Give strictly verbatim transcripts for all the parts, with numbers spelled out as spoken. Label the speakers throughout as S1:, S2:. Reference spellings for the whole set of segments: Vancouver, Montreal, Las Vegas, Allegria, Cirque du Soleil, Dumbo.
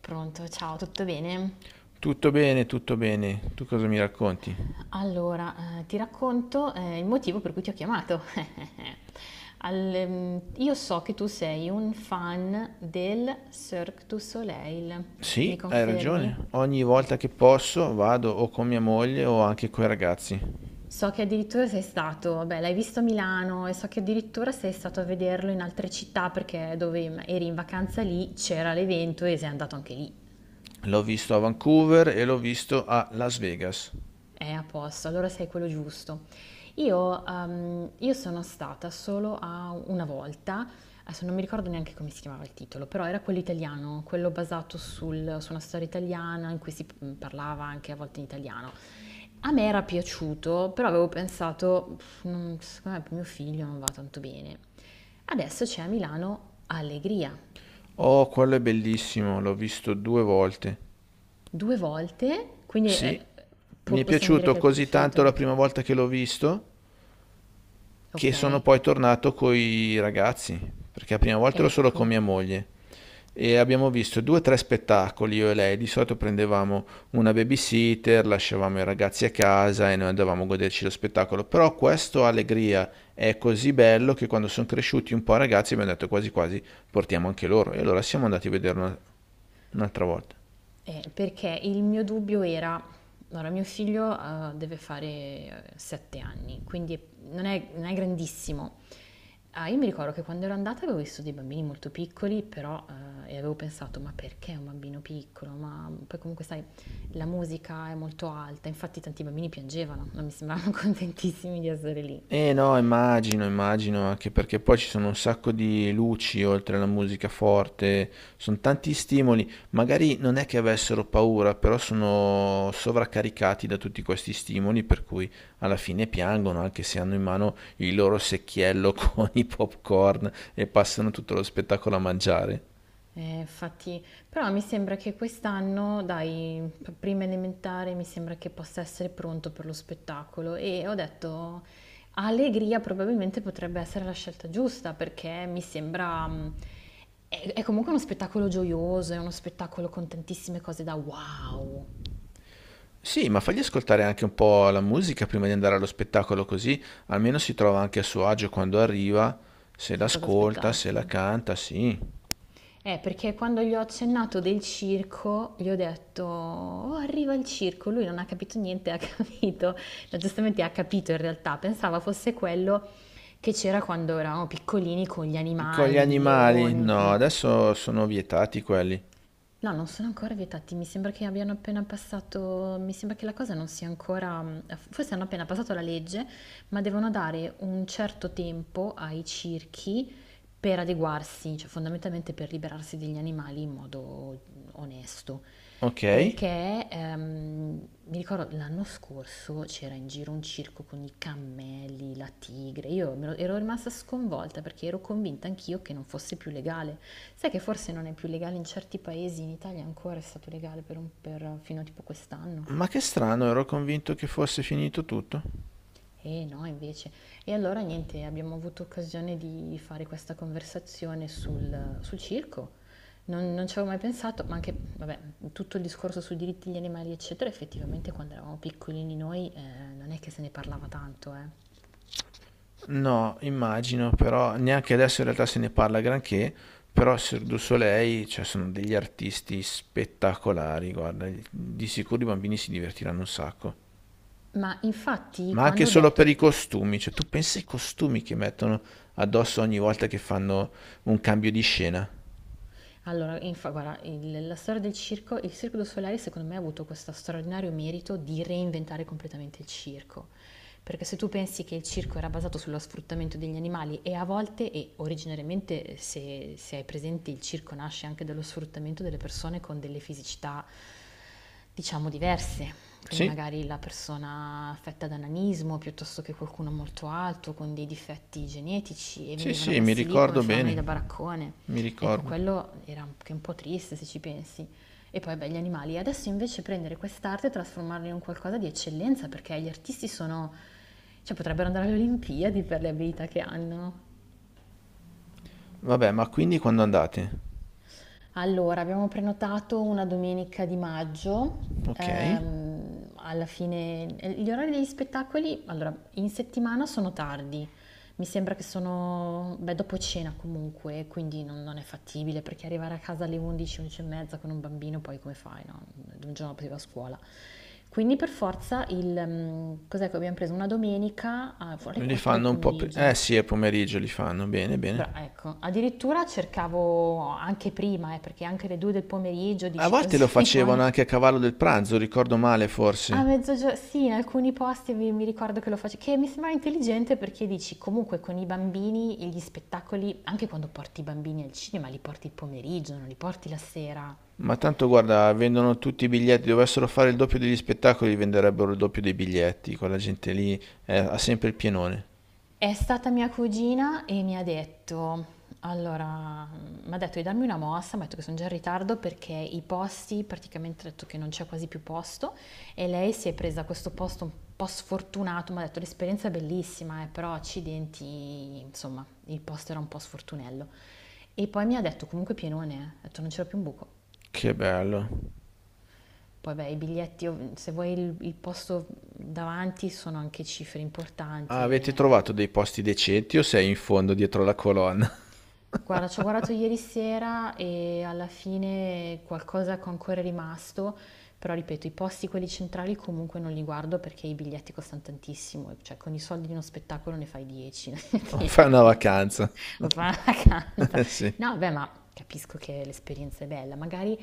S1: Pronto, ciao, tutto bene?
S2: Tutto bene, tutto bene. Tu cosa mi racconti?
S1: Allora, eh, ti racconto eh, il motivo per cui ti ho chiamato. Al- ehm, io so che tu sei un fan del Cirque du Soleil, mi
S2: Sì, hai ragione.
S1: confermi?
S2: Ogni volta che posso vado o con mia moglie o anche coi ragazzi.
S1: So che addirittura sei stato, beh, l'hai visto a Milano e so che addirittura sei stato a vederlo in altre città perché dove mm, eri in vacanza lì c'era l'evento e sei andato anche lì.
S2: L'ho visto a Vancouver e l'ho visto a Las Vegas.
S1: È a posto, allora sei quello giusto. Io, ehm, io sono stata solo a una volta, adesso non mi ricordo neanche come si chiamava il titolo, però era quello italiano, quello basato sul- su una storia italiana in cui si mm, parlava anche a volte in italiano. A me era piaciuto, però avevo pensato, "Pff, non- secondo me per mio figlio non va tanto bene." Adesso c'è a Milano Allegria,
S2: Oh, quello è bellissimo, l'ho visto due volte.
S1: due volte, quindi eh,
S2: Sì, mi
S1: po-
S2: è
S1: possiamo dire
S2: piaciuto
S1: che è il tuo
S2: così tanto
S1: preferito?
S2: la prima volta che l'ho visto che
S1: Ok,
S2: sono poi tornato coi ragazzi, perché la prima volta ero solo con
S1: ecco.
S2: mia moglie. E abbiamo visto due o tre spettacoli io e lei. Di solito prendevamo una babysitter, lasciavamo i ragazzi a casa e noi andavamo a goderci lo spettacolo. Però questo Allegria è così bello che quando sono cresciuti un po' i ragazzi abbiamo detto quasi quasi portiamo anche loro. E allora siamo andati a vederlo una- un'altra volta.
S1: Eh, perché il mio dubbio era, allora mio figlio eh, deve fare eh, sette anni, quindi è- non è, non è grandissimo. Ah, io mi ricordo che quando ero andata avevo visto dei bambini molto piccoli, però eh, e avevo pensato, ma perché un bambino piccolo? Ma poi comunque sai, la musica è molto alta, infatti tanti bambini piangevano, non mi sembravano contentissimi di essere lì.
S2: Eh no, immagino, immagino, anche perché poi ci sono un sacco di luci oltre alla musica forte, sono tanti stimoli, magari non è che avessero paura, però sono sovraccaricati da tutti questi stimoli, per cui alla fine piangono, anche se hanno in mano il loro secchiello con i popcorn e passano tutto lo spettacolo a mangiare.
S1: Eh, infatti, però mi sembra che quest'anno, dai, p- prima elementare, mi sembra che possa essere pronto per lo spettacolo e ho detto, Allegria probabilmente potrebbe essere la scelta giusta perché mi sembra, mh, è, è comunque uno spettacolo gioioso, è uno spettacolo con tantissime cose da wow,
S2: Sì, ma fagli ascoltare anche un po' la musica prima di andare allo spettacolo, così almeno si trova anche a suo agio quando arriva, se
S1: sa cosa
S2: l'ascolta, se
S1: aspettarsi.
S2: la canta, sì.
S1: Eh, perché quando gli ho accennato del circo, gli ho detto, oh, arriva il circo, lui non ha capito niente, ha capito. No, giustamente ha capito in realtà, pensava fosse quello che c'era quando eravamo piccolini con gli
S2: Con gli
S1: animali, il
S2: animali?
S1: leone.
S2: No,
S1: mm.
S2: adesso sono vietati quelli.
S1: No, non sono ancora vietati, mi sembra che abbiano appena passato, mi sembra che la cosa non sia ancora, forse hanno appena passato la legge, ma devono dare un certo tempo ai circhi per adeguarsi, cioè fondamentalmente per liberarsi degli animali in modo onesto.
S2: Ok.
S1: Perché ehm, mi ricordo l'anno scorso c'era in giro un circo con i cammelli, la tigre. Io me lo- ero rimasta sconvolta perché ero convinta anch'io che non fosse più legale. Sai che forse non è più legale in certi paesi, in Italia ancora è stato legale per un- per- fino a tipo quest'anno.
S2: Ma che strano, ero convinto che fosse finito tutto.
S1: Eh no, invece. E allora niente, abbiamo avuto occasione di fare questa conversazione sul, sul circo. Non, non ci avevo mai pensato, ma anche, vabbè, tutto il discorso sui diritti degli animali, eccetera, effettivamente quando eravamo piccolini noi eh, non è che se ne parlava tanto, eh.
S2: No, immagino, però neanche adesso in realtà se ne parla granché, però Cirque du Soleil, cioè sono degli artisti spettacolari, guarda, di sicuro i bambini si divertiranno un sacco.
S1: Ma infatti
S2: Ma anche
S1: quando ho
S2: solo
S1: detto.
S2: per i costumi, cioè tu pensi ai costumi che mettono addosso ogni volta che fanno un cambio di scena?
S1: Allora, infa guarda, il la storia del circo il Cirque du Soleil secondo me ha avuto questo straordinario merito di reinventare completamente il circo. Perché se tu pensi che il circo era basato sullo sfruttamento degli animali e a volte, e originariamente se se hai presente il circo nasce anche dallo sfruttamento delle persone con delle fisicità diciamo diverse. Quindi
S2: Sì,
S1: magari la persona affetta da nanismo piuttosto che qualcuno molto alto con dei difetti genetici e
S2: sì,
S1: venivano
S2: sì, mi
S1: messi lì come
S2: ricordo
S1: fenomeni da
S2: bene,
S1: baraccone.
S2: mi
S1: Ecco,
S2: ricordo.
S1: quello era anche un po' triste se ci pensi. E poi beh, gli animali. Adesso invece prendere quest'arte e trasformarla in un qualcosa di eccellenza perché gli artisti sono... cioè potrebbero andare alle Olimpiadi per le abilità che hanno.
S2: Vabbè, ma quindi quando andate?
S1: Allora, abbiamo prenotato una domenica di maggio,
S2: Ok.
S1: ehm, alla fine eh, gli orari degli spettacoli, allora, in settimana sono tardi, mi sembra che sono, beh, dopo cena comunque, quindi non, non è fattibile perché arrivare a casa alle undici, undici e mezza con un bambino, poi come fai, no? Un giorno dopo si va a scuola. Quindi per forza il, ehm, cos'è che abbiamo preso? Una domenica ah, alle
S2: Li
S1: quattro del
S2: fanno un po' pri- Eh
S1: pomeriggio.
S2: sì, è pomeriggio li fanno, bene,
S1: Bra
S2: bene.
S1: ecco, addirittura cercavo anche prima, eh, perché anche le due del pomeriggio
S2: A
S1: dici
S2: volte lo
S1: così, poi
S2: facevano anche a cavallo del pranzo, ricordo male
S1: a
S2: forse.
S1: mezzogio sì, in alcuni posti mi, mi ricordo che lo facevo, che mi sembrava intelligente perché dici comunque con i bambini e gli spettacoli, anche quando porti i bambini al cinema, li porti il pomeriggio, non li porti la sera.
S2: Ma tanto guarda, vendono tutti i biglietti, dovessero fare il doppio degli spettacoli, venderebbero il doppio dei biglietti, quella gente lì eh, ha sempre il pienone.
S1: È stata mia cugina e mi ha detto, allora, mm, mi ha detto di darmi una mossa, mi ha detto che sono già in ritardo perché i posti, praticamente ha detto che non c'è quasi più posto e lei si è presa questo posto un po' sfortunato, mi ha detto l'esperienza è bellissima, eh, però accidenti, insomma, il posto era un po' sfortunello. E poi mi ha detto comunque pienone, eh. Ha detto non c'era più un buco.
S2: Che bello.
S1: Poi beh, i biglietti, ov- se vuoi il, il posto davanti sono anche cifre importanti
S2: Ah, avete
S1: e ecco.
S2: trovato dei posti decenti o sei in fondo dietro la colonna?
S1: Guarda, ci ho guardato ieri sera e alla fine qualcosa che ancora è rimasto, però ripeto, i posti quelli centrali comunque non li guardo perché i biglietti costano tantissimo, cioè con i soldi di uno spettacolo ne fai dieci,
S2: O fai una vacanza?
S1: lo fa una canta.
S2: Sì.
S1: No, beh, ma capisco che l'esperienza è bella, magari,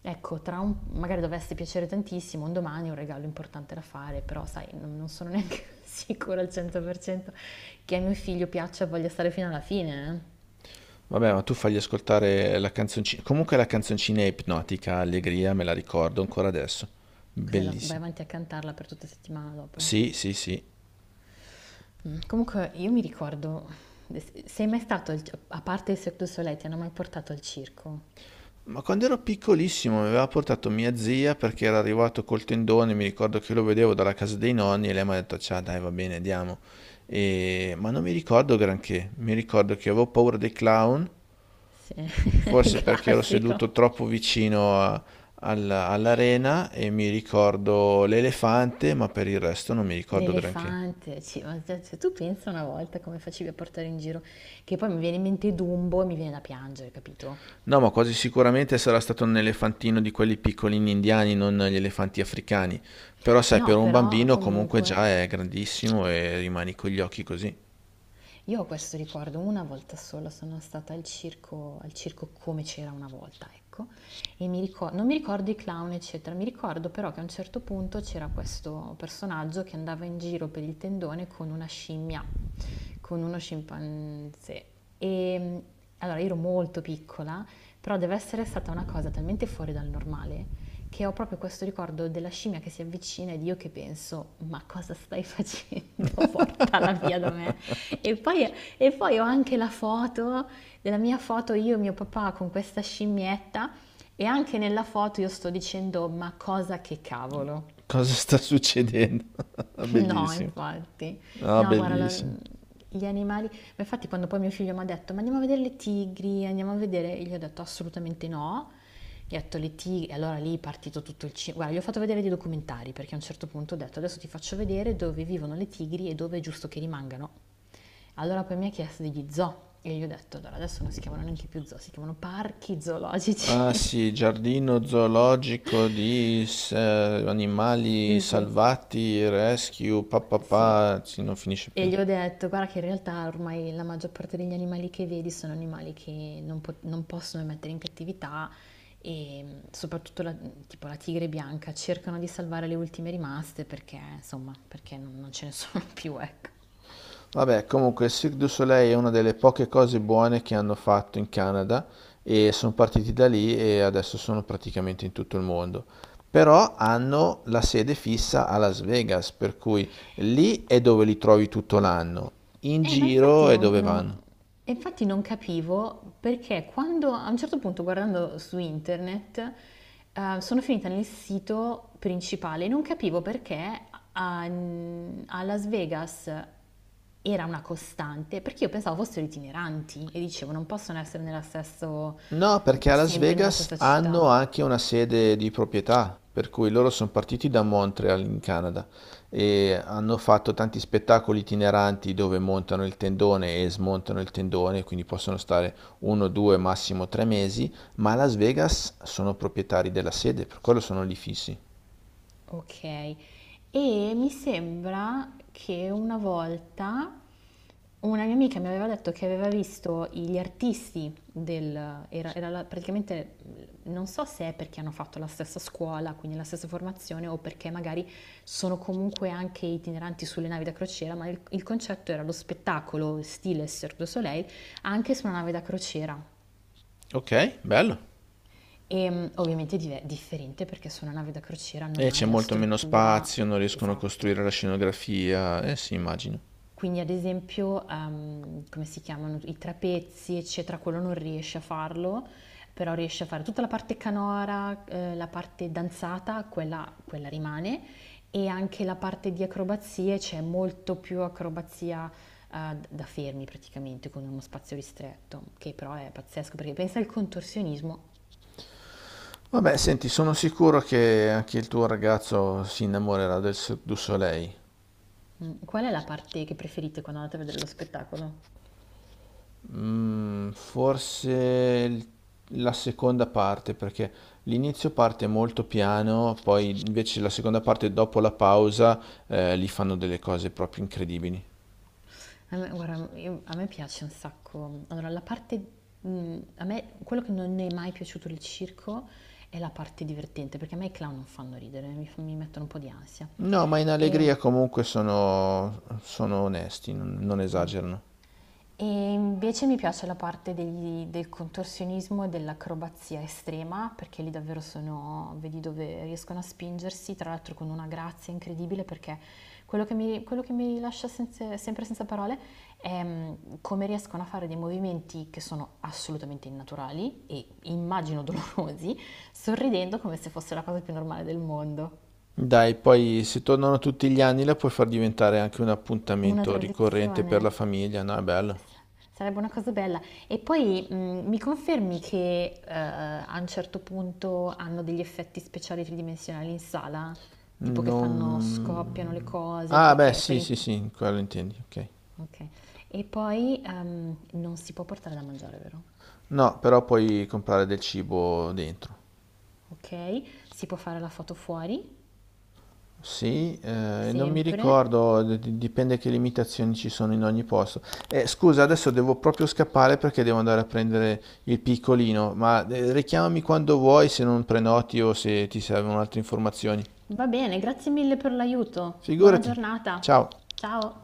S1: ecco, tra un, magari dovesse piacere tantissimo, un domani è un regalo importante da fare, però sai, non, non sono neanche sicura al cento per cento che a mio figlio piaccia e voglia stare fino alla fine, eh.
S2: Vabbè, ma tu fagli ascoltare la canzoncina. Comunque la canzoncina è ipnotica, allegria, me la ricordo ancora adesso.
S1: Cos'è la- vai
S2: Bellissima.
S1: avanti a cantarla per tutta la settimana dopo?
S2: Sì, sì, sì.
S1: Mm. Comunque io mi ricordo, sei mai stato, al- a parte il Cirque du Soleil, ti hanno mai portato al circo?
S2: Ma quando ero piccolissimo mi aveva portato mia zia perché era arrivato col tendone, mi ricordo che lo vedevo dalla casa dei nonni e lei mi ha detto, ciao, dai, va bene, andiamo. E- Ma non mi ricordo granché. Mi ricordo che avevo paura dei clown,
S1: Sì,
S2: forse perché ero seduto
S1: classico.
S2: troppo vicino a- alla- all'arena e mi ricordo l'elefante, ma per il resto non mi ricordo granché.
S1: L'elefante, ci- ma se se tu pensa una volta come facevi a portare in giro, che poi mi viene in mente Dumbo e mi viene da piangere, capito?
S2: No, ma quasi sicuramente sarà stato un elefantino di quelli piccolini indiani, non gli elefanti africani. Però sai, per
S1: No,
S2: un
S1: però
S2: bambino comunque
S1: comunque.
S2: già è grandissimo e rimani con gli occhi così.
S1: Io ho questo ricordo una volta sola, sono stata al circo al circo Come c'era una volta, ecco, e mi ricor non mi ricordo i clown, eccetera, mi ricordo però che a un certo punto c'era questo personaggio che andava in giro per il tendone con una scimmia, con uno scimpanzé. E allora io ero molto piccola, però deve essere stata una cosa talmente fuori dal normale che ho proprio questo ricordo della scimmia che si avvicina ed io che penso: "Ma cosa stai facendo? Portala via da me". E poi, e poi ho anche la foto della mia foto io e mio papà con questa scimmietta e anche nella foto io sto dicendo ma cosa che cavolo.
S2: Cosa sta succedendo?
S1: No,
S2: Bellissimo.
S1: infatti.
S2: Ah,
S1: No, guarda, la-
S2: bellissimo.
S1: gli animali... Ma infatti quando poi mio figlio mi ha detto, ma andiamo a vedere le tigri, andiamo a vedere... Io gli ho detto assolutamente no. Gli ho detto le tigri... E allora lì è partito tutto il cinema. Guarda, gli ho fatto vedere dei documentari, perché a un certo punto ho detto, adesso ti faccio vedere dove vivono le tigri e dove è giusto che rimangano. Allora poi mi ha chiesto degli zoo. E io gli ho detto, allora adesso non si chiamano neanche più zoo, si chiamano parchi
S2: Ah
S1: zoologici.
S2: sì, giardino zoologico di s- eh, animali
S1: Sì, sì.
S2: salvati, rescue,
S1: Sì,
S2: papà, sì, non finisce
S1: e
S2: più.
S1: gli ho detto: "Guarda che in realtà ormai la maggior parte degli animali che vedi sono animali che non po non possono mettere in cattività e, mhmm, soprattutto la mhmm, tipo la tigre bianca cercano di salvare le ultime rimaste perché, insomma, perché non non ce ne sono più, ecco".
S2: Vabbè, comunque il Cirque du Soleil è una delle poche cose buone che hanno fatto in Canada e sono partiti da lì e adesso sono praticamente in tutto il mondo. Però hanno la sede fissa a Las Vegas, per cui lì è dove li trovi tutto l'anno, in
S1: Eh, ma infatti
S2: giro è
S1: non,
S2: dove
S1: non-
S2: vanno.
S1: e infatti non capivo perché quando a un certo punto guardando su internet eh, sono finita nel sito principale e non capivo perché a, a Las Vegas era una costante, perché io pensavo fossero itineranti e dicevo non possono essere nella stesso,
S2: No, perché a Las
S1: sempre nella
S2: Vegas
S1: stessa
S2: hanno
S1: città.
S2: anche una sede di proprietà, per cui loro sono partiti da Montreal in Canada e hanno fatto tanti spettacoli itineranti dove montano il tendone e smontano il tendone, quindi possono stare uno, due, massimo tre mesi, ma a Las Vegas sono proprietari della sede, per quello sono lì fissi.
S1: Ok, e mi sembra che una volta una mia amica mi aveva detto che aveva visto gli artisti del... Era, era la- praticamente, non so se è perché hanno fatto la stessa scuola, quindi la stessa formazione, o perché magari sono comunque anche itineranti sulle navi da crociera, ma il, il concetto era lo spettacolo stile Cirque du Soleil anche su una nave da crociera.
S2: Ok, bello.
S1: E mm, ovviamente è differente perché su una nave da crociera non
S2: E c'è
S1: hai la
S2: molto meno
S1: struttura
S2: spazio, non riescono a
S1: esatta.
S2: costruire la scenografia, eh sì, immagino.
S1: Quindi ad esempio, ehm, come si chiamano, i trapezzi, eccetera, quello non riesce a farlo, però riesce a fare tutta la parte canora, eh, la parte danzata, quella, quella rimane, e anche la parte di acrobazie, c'è molto più acrobazia eh, da fermi praticamente, con uno spazio ristretto, che però è pazzesco, perché pensa al contorsionismo.
S2: Vabbè, senti, sono sicuro che anche il tuo ragazzo si innamorerà del Cirque du Soleil.
S1: Mm, Qual è la parte che preferite quando andate a vedere lo spettacolo?
S2: Mm, forse il- la seconda parte, perché l'inizio parte molto piano, poi invece la seconda parte, dopo la pausa, eh, lì fanno delle cose proprio incredibili.
S1: A me, guarda, io- a me piace un sacco. Allora, la parte, mh, a me, quello che non è mai piaciuto del circo è la parte divertente, perché a me i clown non fanno ridere, mi, fa- mi mettono un po' di ansia.
S2: No, ma in
S1: E
S2: allegria comunque sono, sono onesti, non, non esagerano.
S1: E invece mi piace la parte degli- del contorsionismo e dell'acrobazia estrema, perché lì davvero sono, vedi dove riescono a spingersi, tra l'altro con una grazia incredibile, perché quello che mi, quello che mi lascia senza- sempre senza parole è mm, come riescono a fare dei movimenti che sono assolutamente innaturali e immagino dolorosi, sorridendo come se fosse la cosa più normale del mondo.
S2: Dai, poi se tornano tutti gli anni la puoi far diventare anche un
S1: Una
S2: appuntamento ricorrente per
S1: tradizione.
S2: la famiglia, no? È bello.
S1: Sarebbe una cosa bella. E poi, mhmm, mi confermi che, uhm, a un certo punto hanno degli effetti speciali tridimensionali in sala? Tipo che fanno scoppiano le
S2: Non...
S1: cose
S2: Ah, beh,
S1: perché per
S2: sì,
S1: in.
S2: sì, sì, quello intendi, ok.
S1: Okay. E poi, uhm, non si può portare da mangiare, vero?
S2: No, però puoi comprare del cibo dentro.
S1: Okay, si può fare la foto fuori,
S2: Sì, eh, non mi
S1: sempre.
S2: ricordo, d- d- dipende che limitazioni ci sono in ogni posto. Eh, scusa, adesso devo proprio scappare perché devo andare a prendere il piccolino, ma eh, richiamami quando vuoi se non prenoti o se ti servono altre informazioni.
S1: Va bene, grazie mille per l'aiuto. Buona
S2: Figurati.
S1: giornata.
S2: Ciao.
S1: Ciao.